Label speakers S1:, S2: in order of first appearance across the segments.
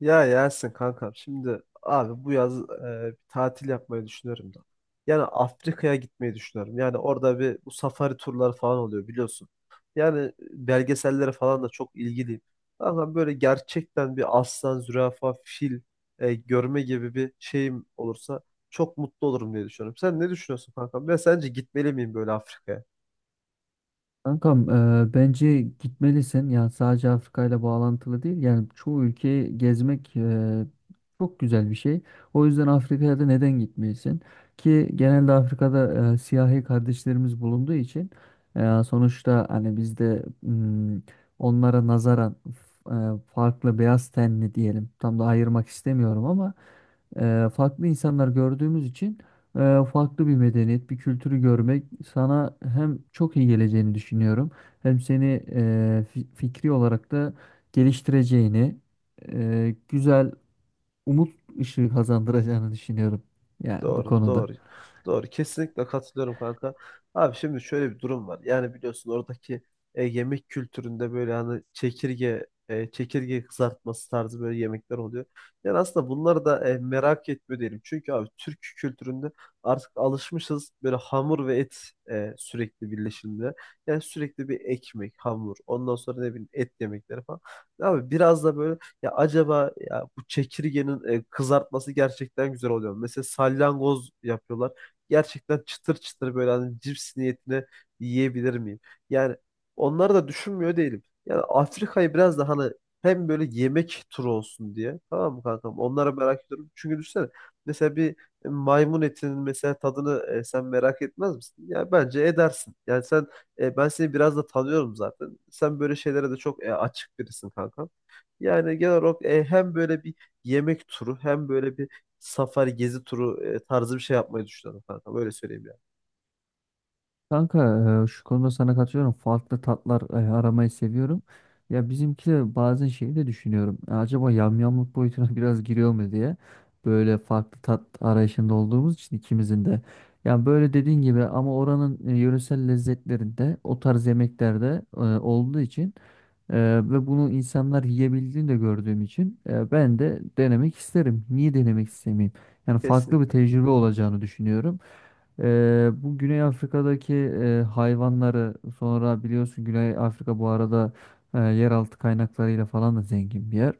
S1: Ya Yasin kankam, şimdi abi bu yaz bir tatil yapmayı düşünüyorum da. Yani Afrika'ya gitmeyi düşünüyorum. Yani orada bir bu safari turları falan oluyor biliyorsun. Yani belgesellere falan da çok ilgiliyim. Kankam, böyle gerçekten bir aslan, zürafa, fil görme gibi bir şeyim olursa çok mutlu olurum diye düşünüyorum. Sen ne düşünüyorsun kankam? Ben sence gitmeli miyim böyle Afrika'ya?
S2: Kankam, bence gitmelisin. Yani sadece Afrika ile bağlantılı değil. Yani çoğu ülkeyi gezmek çok güzel bir şey. O yüzden Afrika'ya da neden gitmelisin? Ki genelde Afrika'da siyahi kardeşlerimiz bulunduğu için sonuçta hani bizde onlara nazaran farklı beyaz tenli diyelim. Tam da ayırmak istemiyorum ama farklı insanlar gördüğümüz için farklı bir medeniyet, bir kültürü görmek sana hem çok iyi geleceğini düşünüyorum, hem seni fikri olarak da geliştireceğini, güzel umut ışığı kazandıracağını düşünüyorum. Yani bu
S1: Doğru,
S2: konuda.
S1: doğru. Doğru. Kesinlikle katılıyorum kanka. Abi şimdi şöyle bir durum var. Yani biliyorsun oradaki yemek kültüründe böyle hani çekirge kızartması tarzı böyle yemekler oluyor. Yani aslında bunları da merak etmiyor değilim. Çünkü abi Türk kültüründe artık alışmışız böyle hamur ve et sürekli birleşimde. Yani sürekli bir ekmek, hamur, ondan sonra ne bileyim et yemekleri falan. Abi biraz da böyle ya acaba ya bu çekirgenin kızartması gerçekten güzel oluyor. Mesela salyangoz yapıyorlar. Gerçekten çıtır çıtır böyle hani cips niyetine yiyebilir miyim? Yani onları da düşünmüyor değilim. Yani Afrika'yı biraz da hani hem böyle yemek turu olsun diye. Tamam mı kankam? Onlara merak ediyorum. Çünkü düşünsene mesela bir maymun etinin mesela tadını sen merak etmez misin? Ya bence edersin. Yani sen ben seni biraz da tanıyorum zaten. Sen böyle şeylere de çok açık birisin kankam. Yani genel olarak hem böyle bir yemek turu hem böyle bir safari gezi turu tarzı bir şey yapmayı düşünüyorum kanka. Böyle söyleyeyim yani.
S2: Kanka, şu konuda sana katılıyorum. Farklı tatlar aramayı seviyorum. Ya bizimki de bazen şeyi de düşünüyorum. Acaba yamyamlık boyutuna biraz giriyor mu diye. Böyle farklı tat arayışında olduğumuz için ikimizin de. Yani böyle dediğin gibi ama oranın yöresel lezzetlerinde o tarz yemeklerde olduğu için e, ve bunu insanlar yiyebildiğini de gördüğüm için ben de denemek isterim. Niye denemek istemeyeyim? Yani farklı bir
S1: Kesinlikle.
S2: tecrübe olacağını düşünüyorum. Bu Güney Afrika'daki hayvanları sonra biliyorsun Güney Afrika bu arada yeraltı kaynaklarıyla falan da zengin bir yer.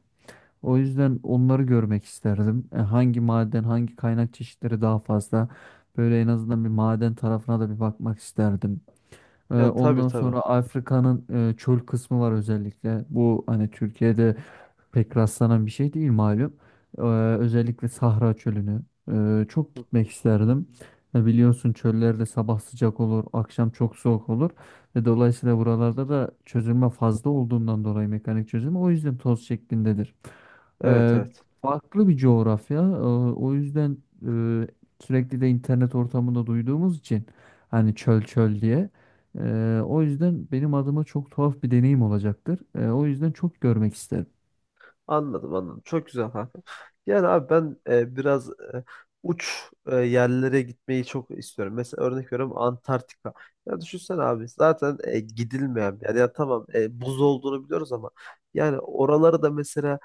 S2: O yüzden onları görmek isterdim. Hangi maden, hangi kaynak çeşitleri daha fazla? Böyle en azından bir maden tarafına da bir bakmak isterdim.
S1: Ya tabii,
S2: Ondan
S1: tabii.
S2: sonra Afrika'nın çöl kısmı var özellikle. Bu hani Türkiye'de pek rastlanan bir şey değil malum. Ee, Özellikle Sahra Çölü'nü çok
S1: Hı
S2: gitmek
S1: hı.
S2: isterdim. Biliyorsun çöllerde sabah sıcak olur, akşam çok soğuk olur ve dolayısıyla buralarda da çözülme fazla olduğundan dolayı mekanik çözülme o yüzden toz şeklindedir.
S1: Evet,
S2: Ee,
S1: evet.
S2: Farklı bir coğrafya. O yüzden e, sürekli de internet ortamında duyduğumuz için hani çöl çöl diye. O yüzden benim adıma çok tuhaf bir deneyim olacaktır. O yüzden çok görmek isterim.
S1: Anladım, anladım. Çok güzel kanka. Yani abi ben biraz uç yerlere gitmeyi çok istiyorum. Mesela örnek veriyorum, Antarktika. Ya düşünsene abi, zaten gidilmeyen bir yer. Ya tamam, buz olduğunu biliyoruz ama yani oraları da mesela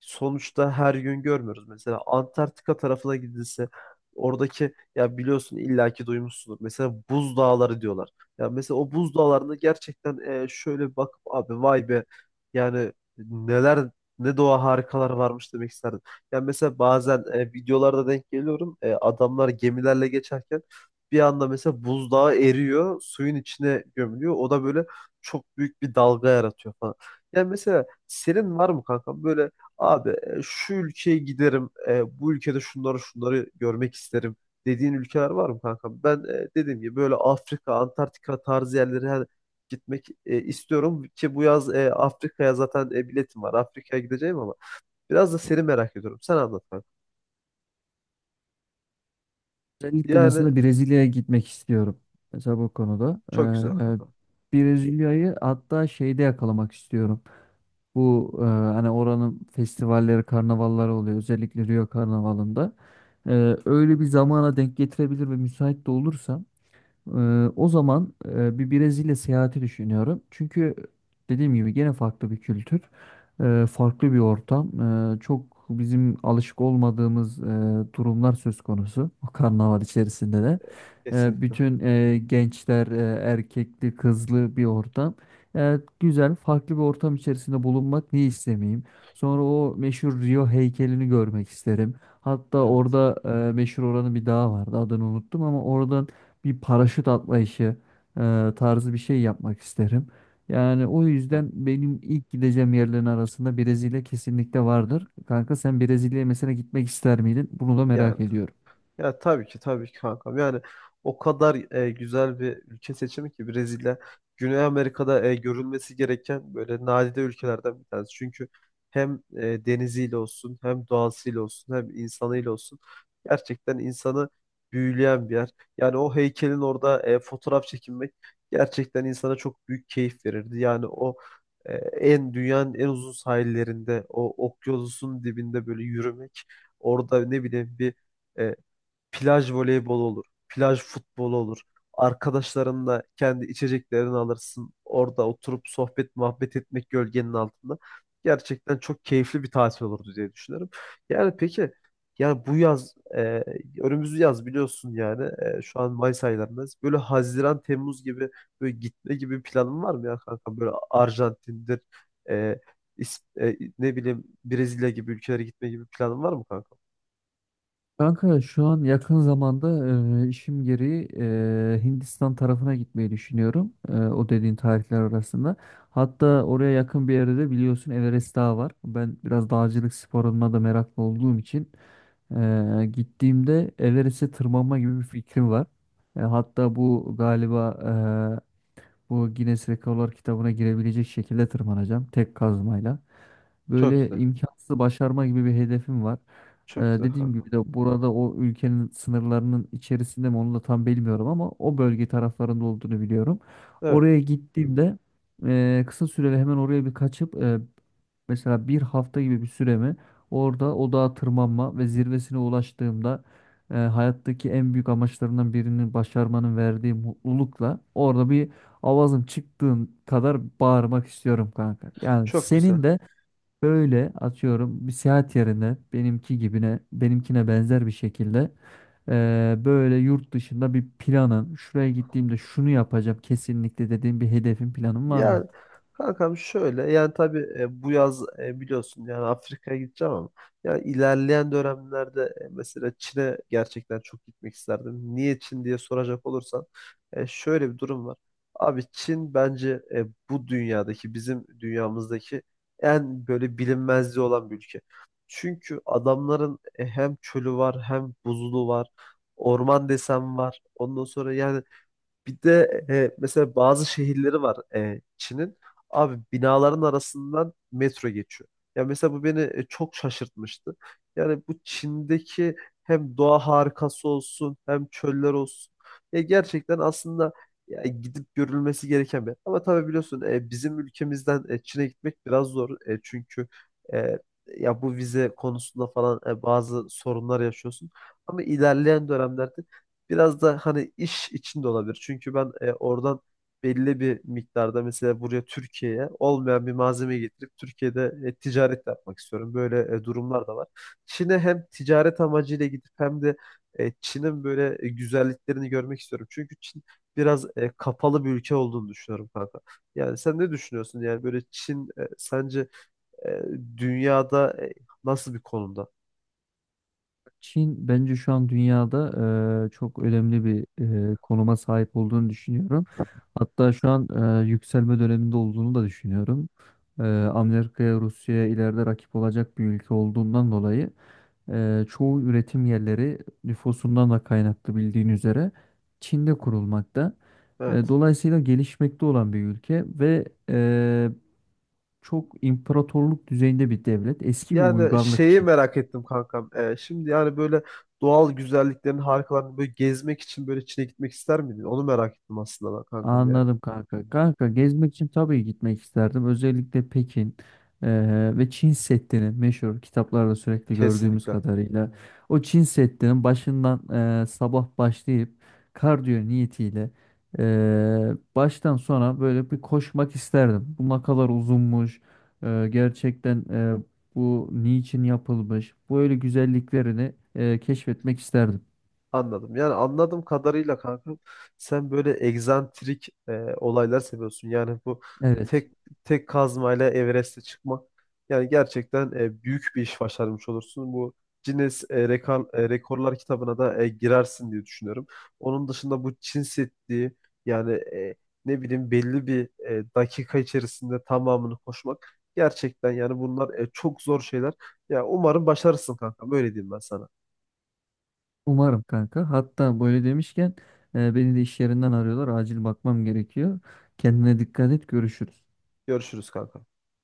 S1: sonuçta her gün görmüyoruz. Mesela Antarktika tarafına gidilse oradaki, ya biliyorsun illaki duymuşsundur. Mesela buz dağları diyorlar. Ya mesela o buz dağlarında gerçekten şöyle bir bakıp abi vay be yani neler, ne doğa harikalar varmış demek isterdim. Yani mesela bazen videolarda denk geliyorum. E, adamlar gemilerle geçerken bir anda mesela buzdağı eriyor, suyun içine gömülüyor. O da böyle çok büyük bir dalga yaratıyor falan. Yani mesela senin var mı kankam böyle abi şu ülkeye giderim, bu ülkede şunları şunları görmek isterim dediğin ülkeler var mı kanka? Ben dediğim gibi böyle Afrika, Antarktika tarzı yerlere gitmek istiyorum ki bu yaz Afrika'ya zaten biletim var. Afrika'ya gideceğim ama biraz da seni merak ediyorum. Sen anlat kanka.
S2: Özellikle
S1: Yani
S2: mesela Brezilya'ya gitmek istiyorum. Mesela bu konuda.
S1: çok güzel kanka.
S2: Brezilya'yı hatta şeyde yakalamak istiyorum. Bu hani oranın festivalleri, karnavalları oluyor. Özellikle Rio Karnavalı'nda. Öyle bir zamana denk getirebilir ve müsait de olursam o zaman bir Brezilya seyahati düşünüyorum. Çünkü dediğim gibi gene farklı bir kültür, farklı bir ortam. Çok bizim alışık olmadığımız durumlar söz konusu. O karnaval içerisinde de.
S1: Kesinlikle.
S2: Bütün gençler erkekli, kızlı bir ortam. Güzel, farklı bir ortam içerisinde bulunmak niye istemeyeyim? Sonra o meşhur Rio heykelini görmek isterim. Hatta
S1: Evet.
S2: orada meşhur oranın bir dağı vardı. Adını unuttum ama oradan bir paraşüt atma işi tarzı bir şey yapmak isterim. Yani o yüzden benim ilk gideceğim yerlerin arasında Brezilya kesinlikle vardır. Kanka, sen Brezilya'ya mesela gitmek ister miydin? Bunu da
S1: Yani
S2: merak ediyorum.
S1: ya tabii ki, tabii ki kankam. Yani o kadar güzel bir ülke seçimi ki Brezilya, Güney Amerika'da görülmesi gereken böyle nadide ülkelerden bir tanesi. Çünkü hem deniziyle olsun, hem doğasıyla olsun, hem insanıyla olsun gerçekten insanı büyüleyen bir yer. Yani o heykelin orada fotoğraf çekinmek gerçekten insana çok büyük keyif verirdi. Yani o en dünyanın en uzun sahillerinde, o okyanusun dibinde böyle yürümek, orada ne bileyim bir e, plaj voleybolu olur. Plaj futbolu olur. Arkadaşlarınla kendi içeceklerini alırsın. Orada oturup sohbet muhabbet etmek gölgenin altında. Gerçekten çok keyifli bir tatil olurdu diye düşünüyorum. Yani peki, yani bu yaz önümüz yaz biliyorsun yani, şu an Mayıs aylarındayız. Böyle Haziran, Temmuz gibi böyle gitme gibi bir planın var mı ya kanka? Böyle Arjantin'dir, e, ne bileyim Brezilya gibi ülkelere gitme gibi bir planın var mı kanka?
S2: Kanka, şu an yakın zamanda işim gereği Hindistan tarafına gitmeyi düşünüyorum. O dediğin tarihler arasında. Hatta oraya yakın bir yerde de biliyorsun Everest Dağı var. Ben biraz dağcılık sporuna da meraklı olduğum için gittiğimde Everest'e tırmanma gibi bir fikrim var. Hatta bu galiba bu Guinness Rekorlar kitabına girebilecek şekilde tırmanacağım tek kazmayla.
S1: Çok
S2: Böyle
S1: güzel.
S2: imkansızı başarma gibi bir hedefim var.
S1: Çok güzel
S2: Dediğim
S1: kanka.
S2: gibi de burada o ülkenin sınırlarının içerisinde mi onu da tam bilmiyorum ama o bölge taraflarında olduğunu biliyorum.
S1: Evet.
S2: Oraya gittiğimde kısa süreli hemen oraya bir kaçıp mesela bir hafta gibi bir süremi orada o dağa tırmanma ve zirvesine ulaştığımda hayattaki en büyük amaçlarından birini başarmanın verdiği mutlulukla orada bir avazım çıktığın kadar bağırmak istiyorum kanka. Yani
S1: Çok güzel.
S2: senin de böyle atıyorum bir seyahat yerine benimkine benzer bir şekilde böyle yurt dışında bir planın şuraya gittiğimde şunu yapacağım kesinlikle dediğin bir hedefin planın var mı?
S1: Yani kankam şöyle, yani tabii bu yaz biliyorsun yani Afrika'ya gideceğim ama yani ilerleyen dönemlerde mesela Çin'e gerçekten çok gitmek isterdim. Niye Çin diye soracak olursan, şöyle bir durum var. Abi Çin bence bu dünyadaki, bizim dünyamızdaki en böyle bilinmezliği olan bir ülke. Çünkü adamların hem çölü var hem buzulu var. Orman desem var. Ondan sonra yani bir de mesela bazı şehirleri var Çin'in. Abi binaların arasından metro geçiyor. Ya mesela bu beni çok şaşırtmıştı. Yani bu Çin'deki hem doğa harikası olsun hem çöller olsun. Ya gerçekten aslında ya gidip görülmesi gereken bir. Ama tabii biliyorsun bizim ülkemizden Çin'e gitmek biraz zor. E, çünkü e, ya bu vize konusunda falan bazı sorunlar yaşıyorsun. Ama ilerleyen dönemlerde biraz da hani iş için de olabilir. Çünkü ben oradan belli bir miktarda mesela buraya Türkiye'ye olmayan bir malzeme getirip Türkiye'de ticaret yapmak istiyorum. Böyle durumlar da var. Çin'e hem ticaret amacıyla gidip hem de Çin'in böyle güzelliklerini görmek istiyorum. Çünkü Çin biraz kapalı bir ülke olduğunu düşünüyorum kanka. Yani sen ne düşünüyorsun? Yani böyle Çin sence e, dünyada nasıl bir konumda?
S2: Çin bence şu an dünyada çok önemli bir konuma sahip olduğunu düşünüyorum. Hatta şu an yükselme döneminde olduğunu da düşünüyorum. Amerika'ya, Rusya'ya ileride rakip olacak bir ülke olduğundan dolayı çoğu üretim yerleri nüfusundan da kaynaklı bildiğin üzere Çin'de kurulmakta.
S1: Evet.
S2: Dolayısıyla gelişmekte olan bir ülke ve çok imparatorluk düzeyinde bir devlet. Eski bir
S1: Yani
S2: uygarlık
S1: şeyi
S2: Çin.
S1: merak ettim kankam. Şimdi yani böyle doğal güzelliklerin harikalarını böyle gezmek için böyle Çin'e gitmek ister miydin? Onu merak ettim aslında ben kankam yani.
S2: Anladım kanka. Kanka, gezmek için tabii gitmek isterdim. Özellikle Pekin ve Çin Seddi'nin meşhur kitaplarda sürekli gördüğümüz
S1: Kesinlikle.
S2: kadarıyla o Çin Seddi'nin başından sabah başlayıp kardiyo niyetiyle baştan sona böyle bir koşmak isterdim. Bu ne kadar uzunmuş, gerçekten bu niçin yapılmış böyle güzelliklerini keşfetmek isterdim.
S1: Anladım. Yani anladığım kadarıyla kanka sen böyle egzantrik olaylar seviyorsun. Yani bu
S2: Evet.
S1: tek tek kazmayla Everest'e çıkmak, yani gerçekten büyük bir iş başarmış olursun. Bu Guinness, Rekorlar kitabına da girersin diye düşünüyorum. Onun dışında bu Çin Seddi, yani ne bileyim belli bir dakika içerisinde tamamını koşmak gerçekten, yani bunlar çok zor şeyler. Ya umarım başarırsın kanka. Böyle diyeyim ben sana.
S2: Umarım kanka. Hatta böyle demişken beni de iş yerinden arıyorlar. Acil bakmam gerekiyor. Kendine dikkat et. Görüşürüz.
S1: Görüşürüz kanka.